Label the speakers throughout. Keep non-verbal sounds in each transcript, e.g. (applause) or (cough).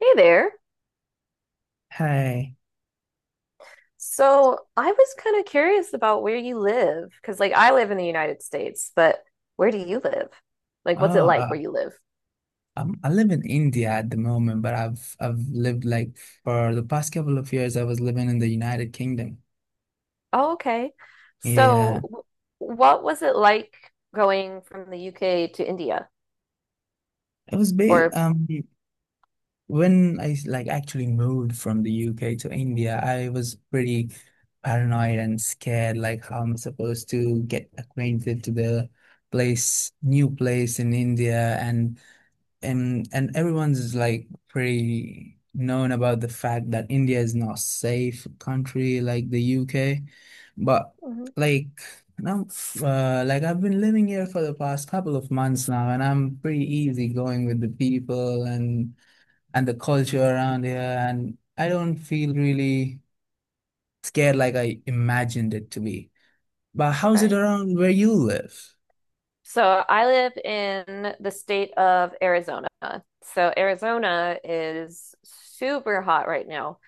Speaker 1: Hey there.
Speaker 2: Hi.
Speaker 1: So I was kind of curious about where you live, because like I live in the United States, but where do you live? Like, what's it
Speaker 2: Oh,
Speaker 1: like
Speaker 2: uh,
Speaker 1: where you live?
Speaker 2: I live in India at the moment, but I've lived like for the past couple of years, I was living in the United Kingdom.
Speaker 1: Oh, okay. So
Speaker 2: Yeah,
Speaker 1: w- what was it like going from the UK to India?
Speaker 2: it was ba
Speaker 1: Or,
Speaker 2: when I like actually moved from the UK to India, I was pretty paranoid and scared, like how I'm supposed to get acquainted to the place, new place in India, and and everyone's like pretty known about the fact that India is not safe country like the UK, but
Speaker 1: mhm,
Speaker 2: like now, like I've been living here for the past couple of months now, and I'm pretty easy going with the people and the culture around here, and I don't feel really scared like I imagined it to be. But how's it
Speaker 1: okay.
Speaker 2: around where you live?
Speaker 1: So I live in the state of Arizona. So Arizona is super hot right now.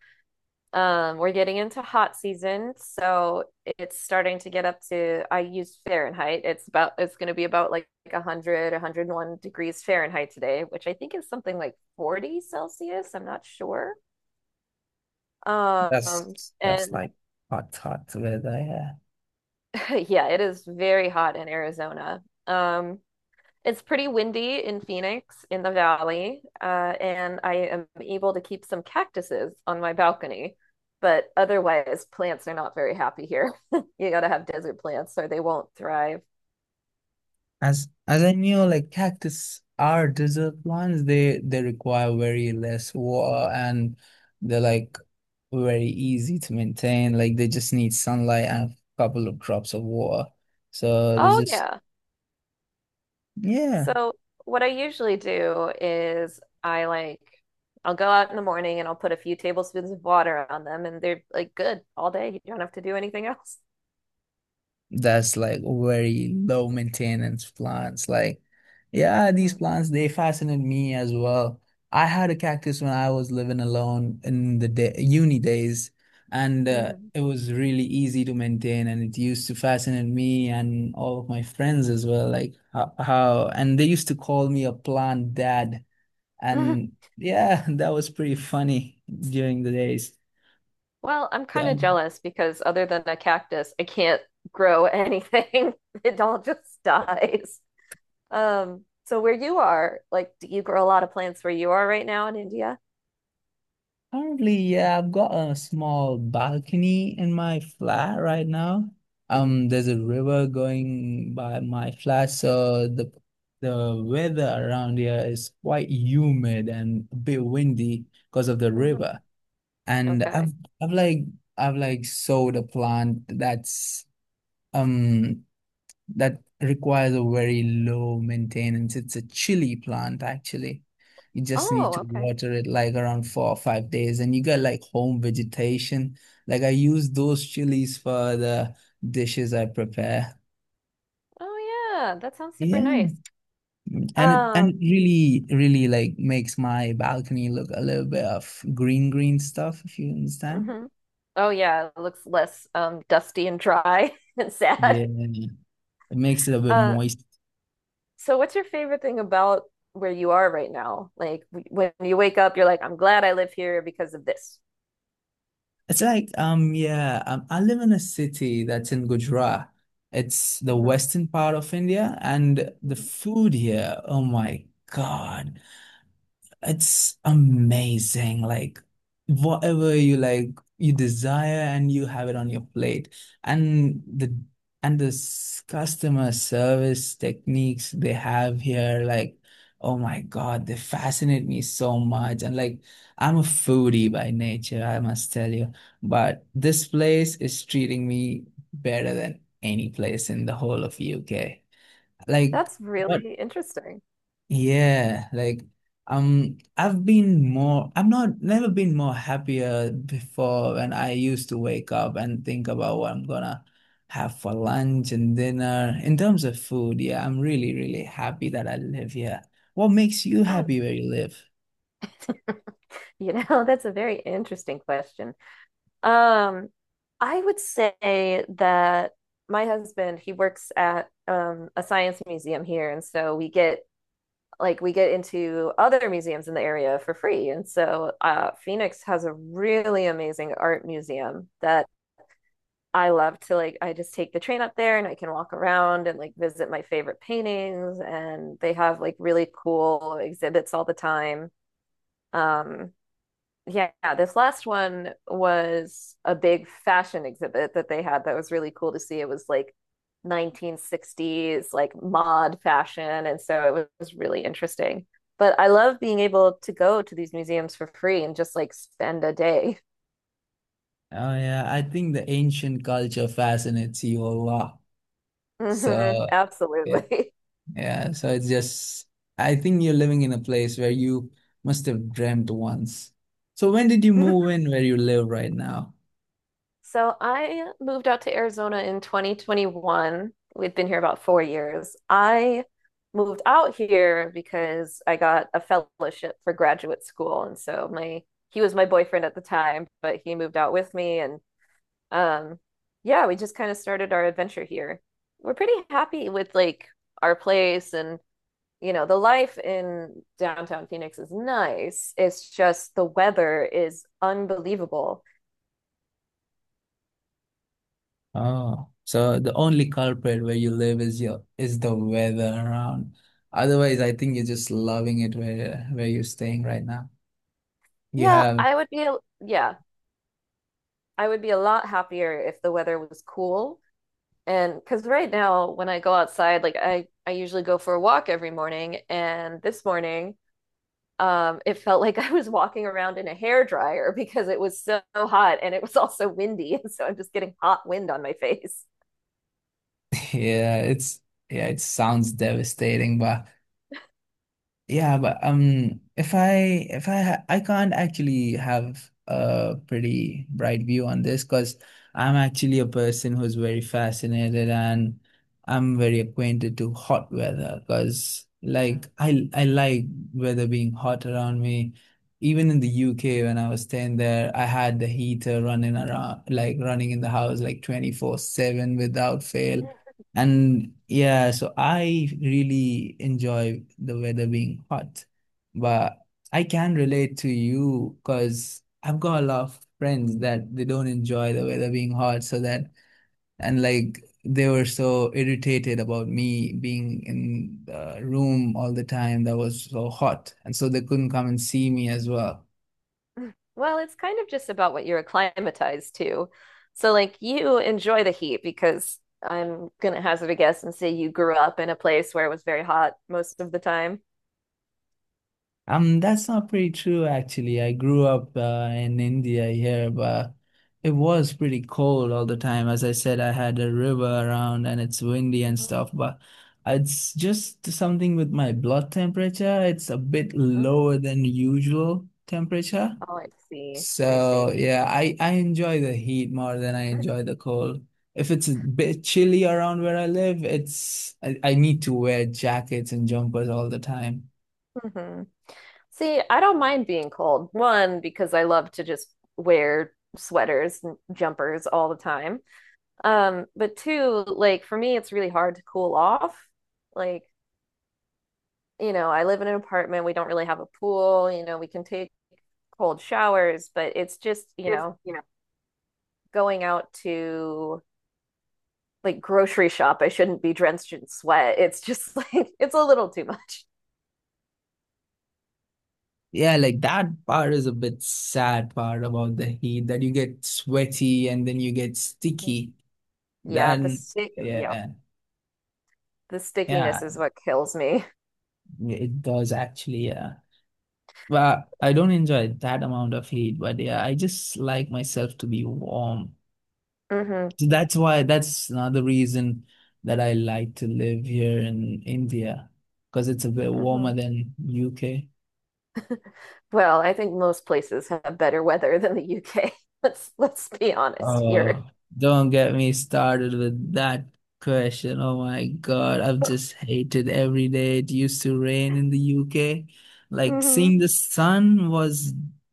Speaker 1: We're getting into hot season, so it's starting to get up to, I use Fahrenheit. It's going to be about like 100, 101 degrees Fahrenheit today, which I think is something like 40 Celsius. I'm not sure. Um,
Speaker 2: That's
Speaker 1: and
Speaker 2: like hot, hot weather, yeah.
Speaker 1: (laughs) Yeah, it is very hot in Arizona. It's pretty windy in Phoenix in the valley, and I am able to keep some cactuses on my balcony. But otherwise, plants are not very happy here. (laughs) You gotta have desert plants or they won't thrive.
Speaker 2: As I knew, like cactus are desert plants. They require very less water and they're like very easy to maintain. Like they just need sunlight and a couple of drops of water. So they are
Speaker 1: Oh,
Speaker 2: just
Speaker 1: yeah.
Speaker 2: yeah,
Speaker 1: So, what I usually do is I'll go out in the morning and I'll put a few tablespoons of water on them, and they're like good all day. You don't have to do anything else.
Speaker 2: that's like very low maintenance plants. Like, yeah, these
Speaker 1: Hmm.
Speaker 2: plants they fascinate me as well. I had a cactus when I was living alone in the day, uni days, and
Speaker 1: Hmm.
Speaker 2: it was really easy to maintain, and it used to fascinate me and all of my friends as well. Like how and they used to call me a plant dad,
Speaker 1: (laughs)
Speaker 2: and yeah, (laughs) that was pretty funny during the days.
Speaker 1: Well, I'm kind
Speaker 2: So,
Speaker 1: of jealous because other than a cactus, I can't grow anything. (laughs) It all just dies. So where you are, like, do you grow a lot of plants where you are right now in India?
Speaker 2: currently, yeah, I've got a small balcony in my flat right now. There's a river going by my flat, so the weather around here is quite humid and a bit windy because of the
Speaker 1: Hmm.
Speaker 2: river. And
Speaker 1: Okay.
Speaker 2: I've I've like sowed a plant that's um that requires a very low maintenance. It's a chili plant, actually. You just need
Speaker 1: Oh,
Speaker 2: to
Speaker 1: okay.
Speaker 2: water it like around 4 or 5 days, and you get like home vegetation. Like I use those chilies for the dishes I prepare.
Speaker 1: Oh yeah, that sounds super nice.
Speaker 2: Yeah. And it
Speaker 1: Um,
Speaker 2: really, really like makes my balcony look a little bit of green, green stuff, if you understand.
Speaker 1: mhm. Oh yeah, it looks less dusty and dry (laughs) and sad.
Speaker 2: Yeah. It makes it a bit
Speaker 1: Uh,
Speaker 2: moist.
Speaker 1: so what's your favorite thing about where you are right now? Like when you wake up, you're like, I'm glad I live here because of this.
Speaker 2: It's like I live in a city that's in Gujarat. It's the
Speaker 1: Mhm.
Speaker 2: western part of India and the
Speaker 1: Mhm.
Speaker 2: food here, oh my God. It's amazing. Like whatever you like, you desire and you have it on your plate. And the and the customer service techniques they have here, like, oh my God, they fascinate me so much. And like I'm a foodie by nature, I must tell you. But this place is treating me better than any place in the whole of UK. Like
Speaker 1: That's
Speaker 2: what?
Speaker 1: really interesting.
Speaker 2: Yeah, like I'm not never been more happier before when I used to wake up and think about what I'm gonna have for lunch and dinner. In terms of food, yeah, I'm really, really happy that I live here. What makes you
Speaker 1: Oh,
Speaker 2: happy where you live?
Speaker 1: (laughs) you know, that's a very interesting question. Um, I would say that my husband, he works at a science museum here, and so we get we get into other museums in the area for free. And so Phoenix has a really amazing art museum that I love to like I just take the train up there and I can walk around and like visit my favorite paintings and they have like really cool exhibits all the time. Um, yeah, this last one was a big fashion exhibit that they had that was really cool to see. It was like 1960s, like mod fashion. And so it was really interesting. But I love being able to go to these museums for free and just like spend a day.
Speaker 2: Oh yeah, I think the ancient culture fascinates you a lot.
Speaker 1: Mhm,
Speaker 2: So yeah,
Speaker 1: absolutely.
Speaker 2: yeah. I think you're living in a place where you must have dreamt once. So when did you move
Speaker 1: (laughs)
Speaker 2: in where you live right now?
Speaker 1: So I moved out to Arizona in 2021. We've been here about 4 years. I moved out here because I got a fellowship for graduate school. And so my he was my boyfriend at the time, but he moved out with me, and um yeah, we just kind of started our adventure here. We're pretty happy with like our place and you know, the life in downtown Phoenix is nice. It's just the weather is unbelievable.
Speaker 2: Oh, so the only culprit where you live is your is the weather around. Otherwise, I think you're just loving it where you're staying right now. You
Speaker 1: Yeah,
Speaker 2: have,
Speaker 1: I would be, yeah. I would be a lot happier if the weather was cool. And because right now, when I go outside, like I usually go for a walk every morning. And this morning, it felt (laughs) like I was walking around in a hair dryer because it was so hot and it was also windy. (laughs) And so I'm just getting hot wind on my face.
Speaker 2: (laughs) yeah, it's yeah, it sounds devastating, but. Yeah, but if I ha I can't actually have a pretty bright view on this because I'm actually a person who's very fascinated and I'm very acquainted to hot weather because
Speaker 1: Mm-hmm.
Speaker 2: like I like weather being hot around me. Even in the UK when I was staying there, I had the heater running around like running in the house like 24/7 without fail. And yeah, so I really enjoy the weather being hot, but I can relate to you because I've got a lot of friends that they don't enjoy the weather being hot, so that and like they were so irritated about me being in the room all the time that was so hot, and so they couldn't come and see me as well.
Speaker 1: (laughs) Well, it's kind of just about what you're acclimatized to. So, like, you enjoy the heat because I'm going to hazard a guess and say you grew up in a place where it was very hot most of the time.
Speaker 2: That's not pretty true, actually. I grew up in India here, but it was pretty cold all the time. As I said, I had a river around and it's windy and
Speaker 1: Mhm,
Speaker 2: stuff, but it's just something with my blood temperature. It's a bit
Speaker 1: mhm.
Speaker 2: lower than usual temperature.
Speaker 1: Oh, I see. I
Speaker 2: So
Speaker 1: see.
Speaker 2: yeah, I enjoy the heat more than I enjoy the cold. If it's a bit chilly around where I live, it's I need to wear jackets and jumpers all the time.
Speaker 1: Hmm. See, I don't mind being cold. One, because I love to just wear sweaters and jumpers all the time. But two, like for me, it's really hard to cool off. Like, you know, I live in an apartment. We don't really have a pool. You know, we can take cold showers, but it's just, you know, going out to like grocery shop. I shouldn't be drenched in sweat. It's just (laughs) like, it's a little too much.
Speaker 2: Yeah, like that part is a bit sad part about the heat that you get sweaty and then you get
Speaker 1: Mhm.
Speaker 2: sticky.
Speaker 1: Yeah, the
Speaker 2: Then
Speaker 1: city, yeah,
Speaker 2: yeah,
Speaker 1: the
Speaker 2: yeah,
Speaker 1: stickiness is what kills me.
Speaker 2: it does actually, yeah. But I don't enjoy that amount of heat, but yeah, I just like myself to be warm.
Speaker 1: Hmm.
Speaker 2: So that's why that's another reason that I like to live here in India because it's a bit warmer
Speaker 1: Hmm.
Speaker 2: than UK.
Speaker 1: Well, I think most places have better weather (laughs) than the UK. (laughs) Let's be honest here.
Speaker 2: Oh, don't get me started with that question. Oh my God, I've just hated every day. It used to rain in the UK. Like
Speaker 1: Hmm.
Speaker 2: seeing the sun was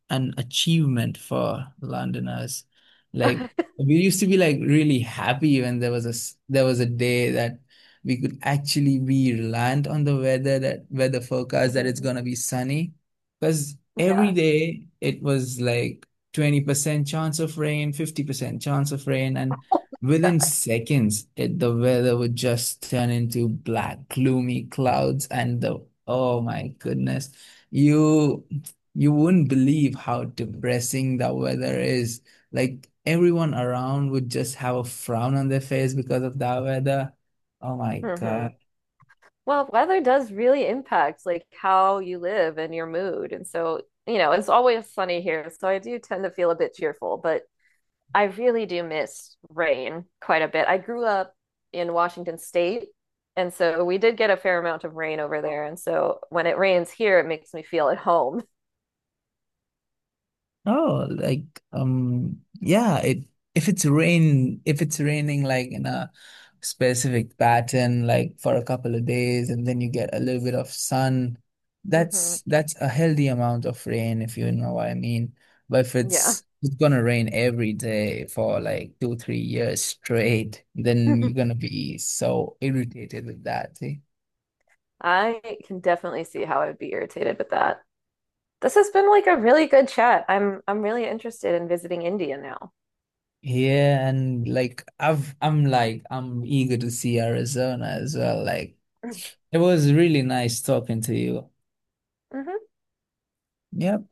Speaker 2: an achievement for Londoners. Like we used to be like really happy when there was a there was a day that we could actually be reliant on the weather forecast that it's
Speaker 1: Hmm.
Speaker 2: gonna be sunny. Because
Speaker 1: (laughs)
Speaker 2: every
Speaker 1: Yeah.
Speaker 2: day it was like 20% chance of rain, 50% chance of rain, and
Speaker 1: Oh
Speaker 2: within
Speaker 1: my
Speaker 2: seconds, the weather would just turn into black, gloomy clouds, and the oh my goodness, you you wouldn't believe how depressing the weather is. Like everyone around would just have a frown on their face because of that weather. Oh my
Speaker 1: God. Hmm.
Speaker 2: God.
Speaker 1: Well, weather does really impact like how you live and your mood. And so, you know, it's always sunny here, so I do tend to feel a bit cheerful, but I really do miss rain quite a bit. I grew up in Washington State, and so we did get a fair amount of rain over there. And so when it rains here, it makes me feel at home.
Speaker 2: Oh, like yeah, it if it's raining like in a specific pattern like for a couple of days and then you get a little bit of sun,
Speaker 1: Hmm.
Speaker 2: that's a healthy amount of rain if you know what I mean. But if
Speaker 1: Yeah.
Speaker 2: it's it's gonna rain every day for like two, 3 years straight, then you're
Speaker 1: (laughs)
Speaker 2: gonna be so irritated with that, see?
Speaker 1: I can definitely see how I'd be irritated with that. This has been like a really good chat. I'm really interested in visiting India now.
Speaker 2: Yeah, and like I'm eager to see Arizona as well. Like
Speaker 1: (laughs)
Speaker 2: it was really nice talking to you.
Speaker 1: Hmm.
Speaker 2: Yep.